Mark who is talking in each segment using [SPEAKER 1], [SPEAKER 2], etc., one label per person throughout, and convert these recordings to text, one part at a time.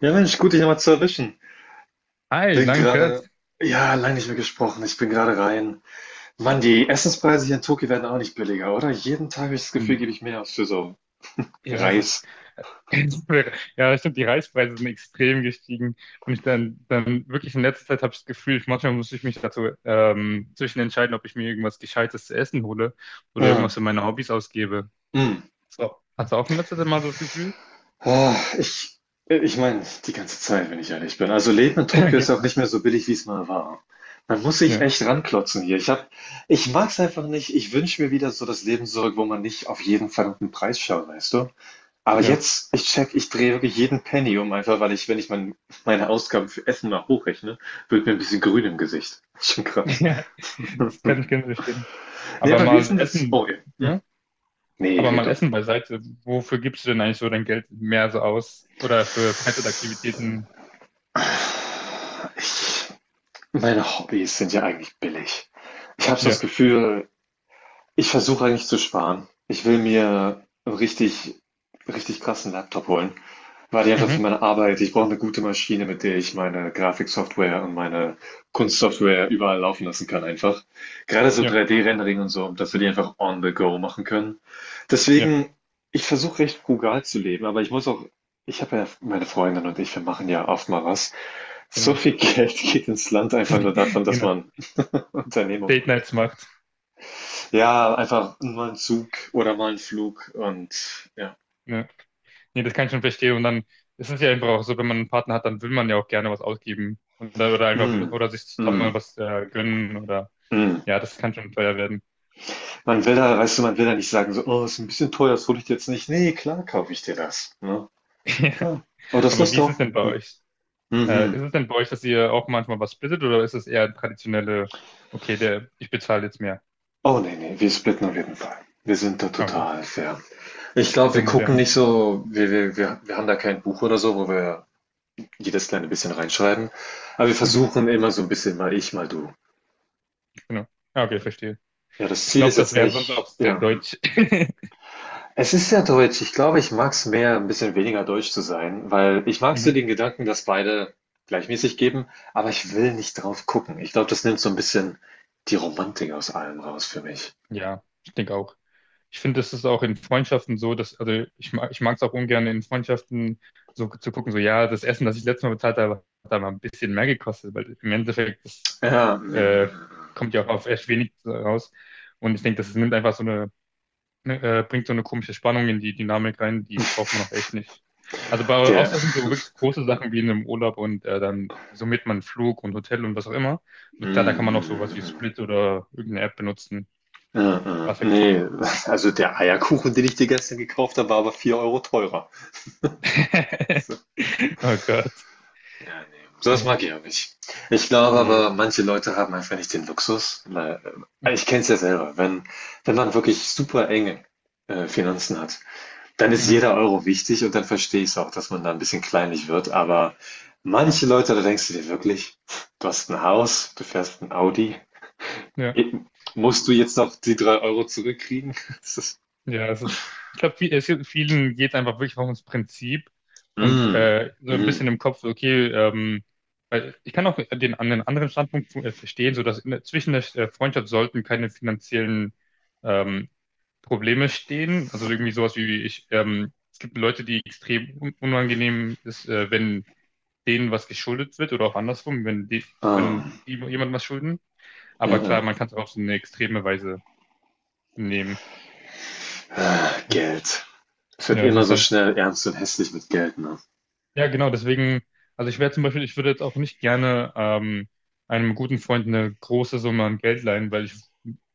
[SPEAKER 1] Ja, Mensch, gut, dich nochmal zu erwischen.
[SPEAKER 2] Hi,
[SPEAKER 1] Bin
[SPEAKER 2] lang nicht gehört.
[SPEAKER 1] gerade, ja, lange nicht mehr gesprochen. Ich bin gerade rein. Mann, die Essenspreise hier in Tokio werden auch nicht billiger, oder? Jeden Tag habe ich das
[SPEAKER 2] Hm.
[SPEAKER 1] Gefühl, gebe ich mehr aus für so
[SPEAKER 2] Ja, es
[SPEAKER 1] Reis.
[SPEAKER 2] ist. Ja, stimmt, die Reispreise sind extrem gestiegen. Und ich dann wirklich in letzter Zeit habe ich das Gefühl, ich, manchmal muss ich mich dazu zwischen entscheiden, ob ich mir irgendwas Gescheites zu essen hole oder irgendwas
[SPEAKER 1] Ja,
[SPEAKER 2] für meine Hobbys ausgebe.
[SPEAKER 1] mm.
[SPEAKER 2] So. Hast du auch in letzter Zeit mal so das Gefühl?
[SPEAKER 1] Ah, ich meine, die ganze Zeit, wenn ich ehrlich bin. Also Leben in Tokio ist ja
[SPEAKER 2] Okay.
[SPEAKER 1] auch nicht mehr so billig, wie es mal war. Man muss sich
[SPEAKER 2] Ja,
[SPEAKER 1] echt ranklotzen hier. Ich mag's einfach nicht. Ich wünsche mir wieder so das Leben zurück, wo man nicht auf jeden verdammten Preis schaut, weißt du? Aber
[SPEAKER 2] ja.
[SPEAKER 1] jetzt, ich drehe wirklich jeden Penny um, einfach weil ich, wenn ich meine Ausgaben für Essen mal hochrechne, wird mir ein bisschen grün im Gesicht. Schon krass.
[SPEAKER 2] Ja, das kann ich ganz verstehen.
[SPEAKER 1] Nee,
[SPEAKER 2] Aber
[SPEAKER 1] aber wie ist denn
[SPEAKER 2] mal
[SPEAKER 1] das?
[SPEAKER 2] Essen,
[SPEAKER 1] Oh ja. Hm.
[SPEAKER 2] ja,
[SPEAKER 1] Nee,
[SPEAKER 2] aber mal
[SPEAKER 1] Redo.
[SPEAKER 2] Essen beiseite. Wofür gibst du denn eigentlich so dein Geld mehr so aus? Oder für Freizeitaktivitäten?
[SPEAKER 1] Ich, meine Hobbys sind ja eigentlich billig. Ich habe so
[SPEAKER 2] Ja.
[SPEAKER 1] das Gefühl. Ich versuche eigentlich zu sparen. Ich will mir 'n richtig richtig krassen Laptop holen, weil ich einfach für
[SPEAKER 2] Mhm.
[SPEAKER 1] meine Arbeit, ich brauche eine gute Maschine, mit der ich meine Grafiksoftware und meine Kunstsoftware überall laufen lassen kann einfach. Gerade so
[SPEAKER 2] Ja,
[SPEAKER 1] 3D-Rendering und so, dass wir die einfach on the go machen können.
[SPEAKER 2] ja,
[SPEAKER 1] Deswegen, ich versuche recht frugal zu leben, aber ich muss auch, ich habe ja meine Freundin und ich, wir machen ja oft mal was. So
[SPEAKER 2] genau.
[SPEAKER 1] viel Geld geht ins Land einfach nur davon, dass
[SPEAKER 2] Genau.
[SPEAKER 1] man Unternehmung
[SPEAKER 2] Date
[SPEAKER 1] macht.
[SPEAKER 2] Nights macht.
[SPEAKER 1] Ja, einfach mal ein Zug oder mal ein Flug und ja.
[SPEAKER 2] Ja. Nee, das kann ich schon verstehen. Und dann ist es ja einfach auch so, wenn man einen Partner hat, dann will man ja auch gerne was ausgeben. Und oder einfach
[SPEAKER 1] Mhm.
[SPEAKER 2] oder sich zusammen mal
[SPEAKER 1] Mhm.
[SPEAKER 2] was gönnen oder
[SPEAKER 1] Mhm.
[SPEAKER 2] ja, das kann schon teuer werden.
[SPEAKER 1] Man will da, weißt du, man will da nicht sagen so: „Oh, ist ein bisschen teuer, das hole ich dir jetzt nicht.“ Nee, klar kaufe ich dir das, ne?
[SPEAKER 2] Ja.
[SPEAKER 1] Klar. Oh, das
[SPEAKER 2] Aber
[SPEAKER 1] Lust
[SPEAKER 2] wie ist
[SPEAKER 1] drauf.
[SPEAKER 2] es denn bei
[SPEAKER 1] Hm.
[SPEAKER 2] euch?
[SPEAKER 1] Mhm.
[SPEAKER 2] Ist es denn bei euch, dass ihr auch manchmal was splittet oder ist es eher traditionelle, okay, ich bezahle jetzt mehr?
[SPEAKER 1] Oh, nee, nee, wir splitten auf jeden Fall. Wir sind da
[SPEAKER 2] Ah, okay,
[SPEAKER 1] total fair. Ich glaube,
[SPEAKER 2] sehr
[SPEAKER 1] wir gucken
[SPEAKER 2] modern.
[SPEAKER 1] nicht so, wir haben da kein Buch oder so, wo wir jedes kleine bisschen reinschreiben, aber wir
[SPEAKER 2] Mhm,
[SPEAKER 1] versuchen immer so ein bisschen mal ich, mal du.
[SPEAKER 2] genau. Ah, okay, verstehe.
[SPEAKER 1] Ja, das
[SPEAKER 2] Ich
[SPEAKER 1] Ziel
[SPEAKER 2] glaube,
[SPEAKER 1] ist
[SPEAKER 2] das
[SPEAKER 1] jetzt
[SPEAKER 2] wäre sonst
[SPEAKER 1] nicht,
[SPEAKER 2] auch sehr
[SPEAKER 1] ja. Hm.
[SPEAKER 2] deutsch.
[SPEAKER 1] Es ist ja deutsch. Ich glaube, ich mag es mehr, ein bisschen weniger deutsch zu sein, weil ich mag so
[SPEAKER 2] Mhm.
[SPEAKER 1] den Gedanken, dass beide gleichmäßig geben, aber ich will nicht drauf gucken. Ich glaube, das nimmt so ein bisschen die Romantik aus allem raus für mich.
[SPEAKER 2] Ja, ich denke auch. Ich finde, das ist auch in Freundschaften so, dass, also ich mag es auch ungern in Freundschaften so zu gucken, so ja, das Essen, das ich letztes Mal bezahlt habe, hat da mal ein bisschen mehr gekostet, weil im Endeffekt, das
[SPEAKER 1] Ja,
[SPEAKER 2] äh,
[SPEAKER 1] mm,
[SPEAKER 2] kommt ja auch auf echt wenig raus. Und ich denke, das nimmt einfach ne, bringt so eine komische Spannung in die Dynamik rein, die braucht man auch echt nicht. Also bei
[SPEAKER 1] der,
[SPEAKER 2] außer es sind so wirklich große Sachen wie in einem Urlaub und dann summiert man Flug und Hotel und was auch immer. Und klar, da
[SPEAKER 1] mm,
[SPEAKER 2] kann man auch sowas wie
[SPEAKER 1] mm,
[SPEAKER 2] Split oder irgendeine App benutzen.
[SPEAKER 1] mm, mm, mm,
[SPEAKER 2] Was ja
[SPEAKER 1] nee, also der Eierkuchen, den ich dir gestern gekauft habe, war aber 4 Euro teurer.
[SPEAKER 2] Oh Gott.
[SPEAKER 1] Ja, ne, sowas
[SPEAKER 2] Hm.
[SPEAKER 1] mag ich auch nicht. Ich glaube aber,
[SPEAKER 2] Nee.
[SPEAKER 1] manche Leute haben einfach nicht den Luxus, weil, ich kenne es ja selber, wenn man wirklich super enge Finanzen hat, dann ist
[SPEAKER 2] Mhm.
[SPEAKER 1] jeder Euro wichtig und dann verstehe ich es auch, dass man da ein bisschen kleinlich wird. Aber manche Leute, da denkst du dir wirklich, du hast ein Haus, du fährst ein Audi,
[SPEAKER 2] Ja,
[SPEAKER 1] eh, musst du jetzt noch die 3 Euro zurückkriegen? Das ist,
[SPEAKER 2] ja, es ist, ich glaube, viel, es gibt, vielen geht einfach wirklich auch ums Prinzip und
[SPEAKER 1] mm,
[SPEAKER 2] so ein bisschen
[SPEAKER 1] mm,
[SPEAKER 2] im Kopf, so, okay, weil ich kann auch an den anderen Standpunkt verstehen, so dass zwischen der Freundschaft sollten keine finanziellen ähm, Probleme stehen. Also irgendwie sowas wie es gibt Leute, die extrem un unangenehm ist, wenn denen was geschuldet wird oder auch andersrum, wenn die,
[SPEAKER 1] ah,
[SPEAKER 2] wenn die jemand was schulden.
[SPEAKER 1] ja,
[SPEAKER 2] Aber
[SPEAKER 1] ja.
[SPEAKER 2] klar, man kann es auch auf so eine extreme Weise nehmen.
[SPEAKER 1] Ah, Geld. Es wird
[SPEAKER 2] Ja, es
[SPEAKER 1] immer
[SPEAKER 2] ist
[SPEAKER 1] so
[SPEAKER 2] halt,
[SPEAKER 1] schnell ernst und hässlich mit Geld, ne?
[SPEAKER 2] ja, genau, deswegen, also ich wäre zum Beispiel, ich würde jetzt auch nicht gerne einem guten Freund eine große Summe an Geld leihen, weil ich,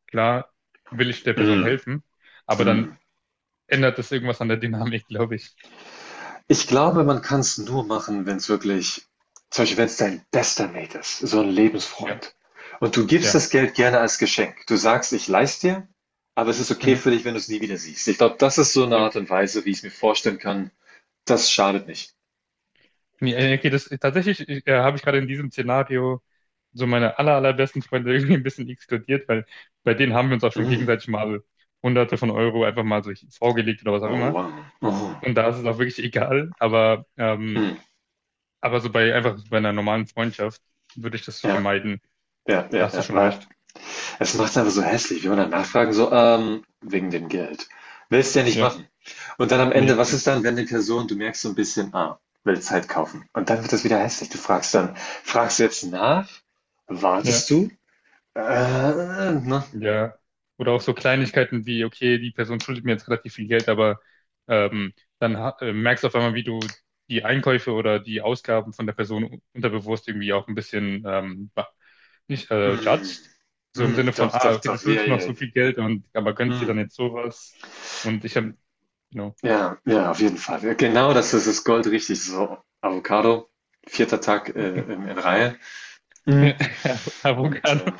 [SPEAKER 2] klar, will ich der Person
[SPEAKER 1] Mm,
[SPEAKER 2] helfen, aber dann
[SPEAKER 1] mm.
[SPEAKER 2] ändert das irgendwas an der Dynamik, glaube ich.
[SPEAKER 1] Ich glaube, man kann es nur machen, wenn es wirklich, zum Beispiel, wenn es dein bester Mate ist, so ein
[SPEAKER 2] Ja,
[SPEAKER 1] Lebensfreund. Und du gibst
[SPEAKER 2] ja,
[SPEAKER 1] das Geld gerne als Geschenk. Du sagst: „Ich leih's dir, aber es ist okay
[SPEAKER 2] mhm,
[SPEAKER 1] für dich, wenn du es nie wieder siehst.“ Ich glaube, das ist so eine
[SPEAKER 2] ja.
[SPEAKER 1] Art und Weise, wie ich es mir vorstellen kann. Das schadet nicht.
[SPEAKER 2] Nee, okay, tatsächlich habe ich gerade in diesem Szenario so meine allerbesten Freunde irgendwie ein bisschen exkludiert, weil bei denen haben wir uns auch schon
[SPEAKER 1] Mm.
[SPEAKER 2] gegenseitig mal Hunderte von Euro einfach mal so vorgelegt oder was auch
[SPEAKER 1] Oh,
[SPEAKER 2] immer.
[SPEAKER 1] wow. Mhm.
[SPEAKER 2] Und da ist es auch wirklich egal, aber, ähm,
[SPEAKER 1] Mhm.
[SPEAKER 2] aber so bei einfach so bei einer normalen Freundschaft würde ich das
[SPEAKER 1] Ja,
[SPEAKER 2] vermeiden.
[SPEAKER 1] ja, ja,
[SPEAKER 2] Da hast du
[SPEAKER 1] ja,
[SPEAKER 2] schon
[SPEAKER 1] weil,
[SPEAKER 2] recht.
[SPEAKER 1] es macht's einfach so hässlich, wenn man dann nachfragen, so, wegen dem Geld. Willst du ja nicht
[SPEAKER 2] Ja,
[SPEAKER 1] machen. Und dann am Ende,
[SPEAKER 2] nee,
[SPEAKER 1] was
[SPEAKER 2] okay.
[SPEAKER 1] ist dann, wenn die Person, du merkst so ein bisschen, ah, will Zeit kaufen. Und dann wird das wieder hässlich. Du fragst dann, fragst du jetzt nach?
[SPEAKER 2] Ja,
[SPEAKER 1] Wartest du? Äh, ne?
[SPEAKER 2] ja. Oder auch so Kleinigkeiten wie, okay, die Person schuldet mir jetzt relativ viel Geld, aber ähm, dann merkst du auf einmal, wie du die Einkäufe oder die Ausgaben von der Person unterbewusst irgendwie auch ein bisschen nicht
[SPEAKER 1] Mm,
[SPEAKER 2] judged. So im
[SPEAKER 1] mm,
[SPEAKER 2] Sinne von,
[SPEAKER 1] doch,
[SPEAKER 2] ah,
[SPEAKER 1] doch,
[SPEAKER 2] okay, du
[SPEAKER 1] doch, ja,
[SPEAKER 2] schuldest mir noch
[SPEAKER 1] ja, ja.
[SPEAKER 2] so viel Geld und aber gönnst dir
[SPEAKER 1] Mm,
[SPEAKER 2] dann jetzt sowas. Und ich habe, you know.
[SPEAKER 1] ja, ja, auf jeden Fall. Ja, genau das ist das Gold richtig. So, Avocado, vierter Tag, in Reihe. Mm.
[SPEAKER 2] Ja,
[SPEAKER 1] Und
[SPEAKER 2] Avocado,
[SPEAKER 1] äh,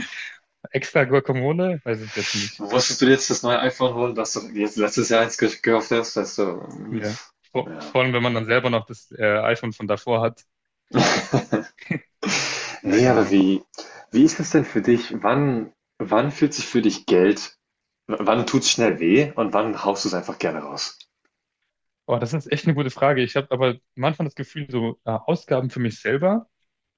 [SPEAKER 2] extra Guacamole, weiß ich jetzt nicht.
[SPEAKER 1] Musstest du jetzt das neue iPhone holen, dass du jetzt letztes Jahr eins gekauft hast? Weißt du, mm,
[SPEAKER 2] Ja. Vor,
[SPEAKER 1] ja.
[SPEAKER 2] vor allem, wenn man dann selber noch das iPhone von davor hat. Ja,
[SPEAKER 1] Nee,
[SPEAKER 2] keine
[SPEAKER 1] aber
[SPEAKER 2] Ahnung.
[SPEAKER 1] wie ist das denn für dich? Wann fühlt sich für dich Geld, wann tut es schnell weh und wann haust du es einfach gerne raus?
[SPEAKER 2] Oh, das ist echt eine gute Frage. Ich habe aber manchmal das Gefühl, so Ausgaben für mich selber,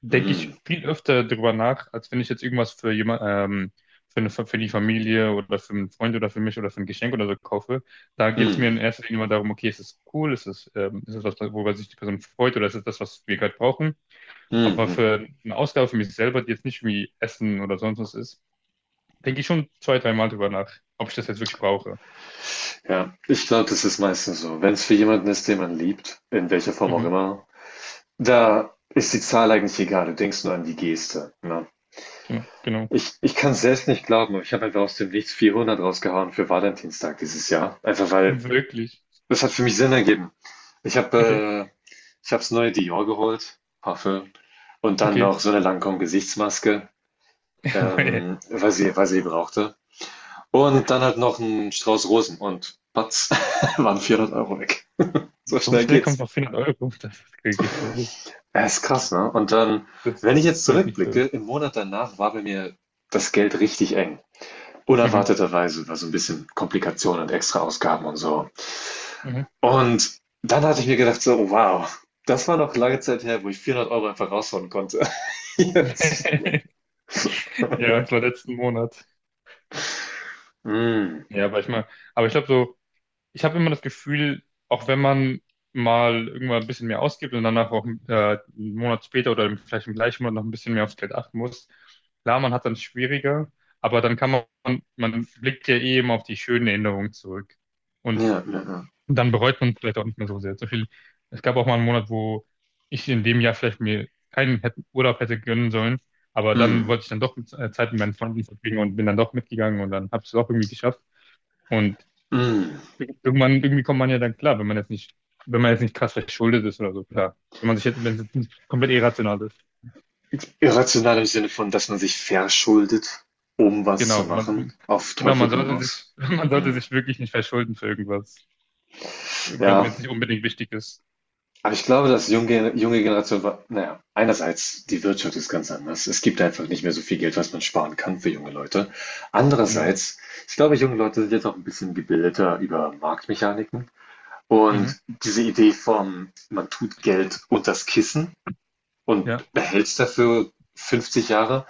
[SPEAKER 2] denke
[SPEAKER 1] Mm,
[SPEAKER 2] ich viel öfter drüber nach, als wenn ich jetzt irgendwas für die Familie oder für einen Freund oder für mich oder für ein Geschenk oder so kaufe. Da geht es mir
[SPEAKER 1] mm,
[SPEAKER 2] in erster Linie immer darum, okay, ist es cool, ist es was, worüber sich die Person freut oder ist es das, was wir gerade brauchen?
[SPEAKER 1] mm,
[SPEAKER 2] Aber
[SPEAKER 1] mm.
[SPEAKER 2] für eine Ausgabe für mich selber, die jetzt nicht irgendwie Essen oder sonst was ist, denke ich schon zwei, dreimal drüber nach, ob ich das jetzt wirklich brauche.
[SPEAKER 1] Ja, ich glaube, das ist meistens so. Wenn es für jemanden ist, den man liebt, in welcher Form auch
[SPEAKER 2] Mhm.
[SPEAKER 1] immer, da ist die Zahl eigentlich egal. Du denkst nur an die Geste. Ne?
[SPEAKER 2] Genau, genau.
[SPEAKER 1] Ich kann es selbst nicht glauben, aber ich habe einfach aus dem Nichts 400 rausgehauen für Valentinstag dieses Jahr. Einfach weil,
[SPEAKER 2] Wirklich.
[SPEAKER 1] das hat für mich Sinn ergeben. Ich
[SPEAKER 2] Okay.
[SPEAKER 1] habe äh, ich habe das neue Dior geholt, Parfüm, und dann
[SPEAKER 2] Okay.
[SPEAKER 1] noch so eine Lancôme-Gesichtsmaske,
[SPEAKER 2] Aber,
[SPEAKER 1] weil sie brauchte. Und dann halt noch ein Strauß Rosen und patz, waren 400 Euro weg. So
[SPEAKER 2] so
[SPEAKER 1] schnell
[SPEAKER 2] schnell kommt
[SPEAKER 1] geht's.
[SPEAKER 2] noch 400 Euro. Das ist wirklich crazy.
[SPEAKER 1] Ja, ist krass, ne? Und dann,
[SPEAKER 2] Das ist
[SPEAKER 1] wenn ich jetzt
[SPEAKER 2] wirklich
[SPEAKER 1] zurückblicke,
[SPEAKER 2] viel.
[SPEAKER 1] im Monat danach war bei mir das Geld richtig eng.
[SPEAKER 2] Mhm.
[SPEAKER 1] Unerwarteterweise war so ein bisschen Komplikationen und extra Ausgaben und so.
[SPEAKER 2] Mhm.
[SPEAKER 1] Und dann hatte ich mir gedacht so: „Wow, das war noch lange Zeit her, wo ich 400 Euro einfach raushauen konnte.“ Jetzt,
[SPEAKER 2] Ja, das war letzten Monat.
[SPEAKER 1] hm,
[SPEAKER 2] Ja, aber ich glaube so, ich habe immer das Gefühl, auch wenn man mal irgendwann ein bisschen mehr ausgibt und danach auch einen Monat später oder vielleicht im gleichen Monat noch ein bisschen mehr aufs Geld achten muss, klar, man hat dann schwieriger, aber dann kann man blickt ja eh immer auf die schönen Erinnerungen zurück. Und
[SPEAKER 1] ja, ja, ja.
[SPEAKER 2] dann bereut man vielleicht auch nicht mehr so sehr. Zum Beispiel, es gab auch mal einen Monat, wo ich in dem Jahr vielleicht mir keinen hätte, Urlaub hätte gönnen sollen, aber dann
[SPEAKER 1] Hm,
[SPEAKER 2] wollte ich dann doch Zeit mit meinen Freunden verbringen und bin dann doch mitgegangen und dann habe ich es auch irgendwie geschafft. Und
[SPEAKER 1] hm.
[SPEAKER 2] irgendwann, irgendwie kommt man ja dann klar, wenn man jetzt nicht, krass verschuldet ist oder so, klar. Wenn es jetzt nicht komplett irrational ist.
[SPEAKER 1] Irrational im Sinne von, dass man sich verschuldet, um was zu
[SPEAKER 2] Genau,
[SPEAKER 1] machen, auf Teufel
[SPEAKER 2] man
[SPEAKER 1] komm
[SPEAKER 2] sollte
[SPEAKER 1] raus.
[SPEAKER 2] sich, man sollte
[SPEAKER 1] Hm,
[SPEAKER 2] sich wirklich nicht verschulden für irgendwas, wenn,
[SPEAKER 1] ja,
[SPEAKER 2] wenn es nicht unbedingt wichtig ist.
[SPEAKER 1] aber ich glaube, dass junge Generation war, na ja, einerseits die Wirtschaft ist ganz anders. Es gibt einfach nicht mehr so viel Geld, was man sparen kann für junge Leute.
[SPEAKER 2] Genau.
[SPEAKER 1] Andererseits, ich glaube, junge Leute sind jetzt auch ein bisschen gebildeter über Marktmechaniken.
[SPEAKER 2] Mhm.
[SPEAKER 1] Und diese Idee von, man tut Geld unters Kissen
[SPEAKER 2] Ja,
[SPEAKER 1] und behält es dafür 50 Jahre,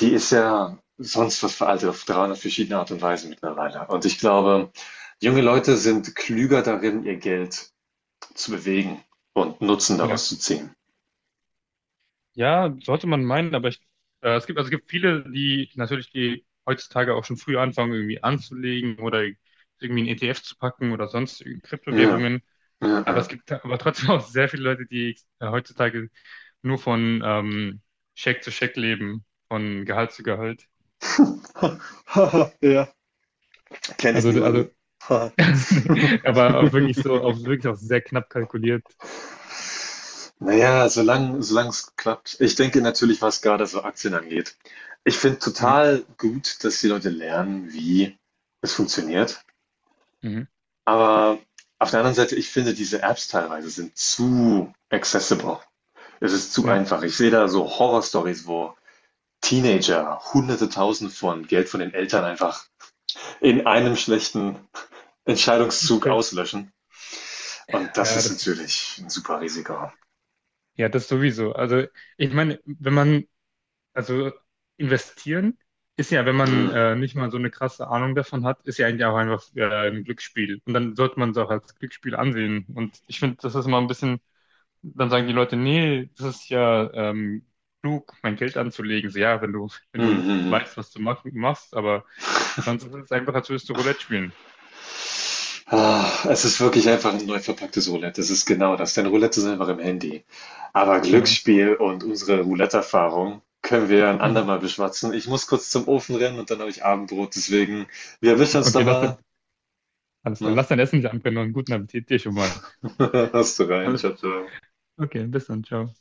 [SPEAKER 1] die ist ja sonst was veraltet auf 300 verschiedene Art und Weise mittlerweile. Und ich glaube, junge Leute sind klüger darin, ihr Geld zu bewegen und Nutzen
[SPEAKER 2] ja.
[SPEAKER 1] daraus zu ziehen.
[SPEAKER 2] Ja, sollte man meinen, also es gibt viele, die heutzutage auch schon früh anfangen, irgendwie anzulegen oder irgendwie ein ETF zu packen oder sonst
[SPEAKER 1] Ja,
[SPEAKER 2] Kryptowährungen. Aber
[SPEAKER 1] ja,
[SPEAKER 2] es gibt aber trotzdem auch sehr viele Leute, die heutzutage nur von Scheck zu Scheck leben, von Gehalt zu Gehalt.
[SPEAKER 1] ja. Ja. Kenne ich
[SPEAKER 2] Also,
[SPEAKER 1] niemanden.
[SPEAKER 2] aber auch wirklich so, auch wirklich auch sehr knapp kalkuliert.
[SPEAKER 1] Naja, solange es klappt. Ich denke natürlich, was gerade so Aktien angeht. Ich finde
[SPEAKER 2] Mhm.
[SPEAKER 1] total gut, dass die Leute lernen, wie es funktioniert.
[SPEAKER 2] Mhm.
[SPEAKER 1] Aber auf der anderen Seite, ich finde, diese Apps teilweise sind zu accessible. Es ist zu
[SPEAKER 2] Ja,
[SPEAKER 1] einfach. Ich sehe da so Horrorstories, wo Teenager Hunderte Tausend von Geld von den Eltern einfach in einem schlechten Entscheidungszug
[SPEAKER 2] okay.
[SPEAKER 1] auslöschen. Und das
[SPEAKER 2] Ja,
[SPEAKER 1] ist
[SPEAKER 2] das ist,
[SPEAKER 1] natürlich ein super Risiko.
[SPEAKER 2] ja, das sowieso. Also, ich meine, wenn man, also investieren ist ja, wenn man
[SPEAKER 1] Mm,
[SPEAKER 2] nicht mal so eine krasse Ahnung davon hat, ist ja eigentlich auch einfach ein Glücksspiel. Und dann sollte man es auch als Glücksspiel ansehen. Und ich finde, das ist mal ein bisschen dann sagen die Leute, nee, das ist ja klug, mein Geld anzulegen. So, ja, wenn du, wenn
[SPEAKER 1] mm,
[SPEAKER 2] du
[SPEAKER 1] mm, mm.
[SPEAKER 2] weißt, was du machst, aber sonst ist es einfach, als würdest du Roulette spielen.
[SPEAKER 1] Ah, es ist wirklich einfach ein neu verpacktes Roulette. Das ist genau das, denn Roulette ist einfach im Handy. Aber
[SPEAKER 2] Genau.
[SPEAKER 1] Glücksspiel und unsere Roulette-Erfahrung können wir ein
[SPEAKER 2] Mhm.
[SPEAKER 1] andermal beschwatzen. Ich muss kurz zum Ofen rennen und dann habe ich Abendbrot, deswegen wir erwischen uns da
[SPEAKER 2] Okay,
[SPEAKER 1] mal,
[SPEAKER 2] alles klar.
[SPEAKER 1] ne?
[SPEAKER 2] Lass dein Essen anbrennen und guten Appetit dir schon mal.
[SPEAKER 1] Hast du rein. Tschau,
[SPEAKER 2] Alles.
[SPEAKER 1] tschau.
[SPEAKER 2] Okay, bis dann, ciao.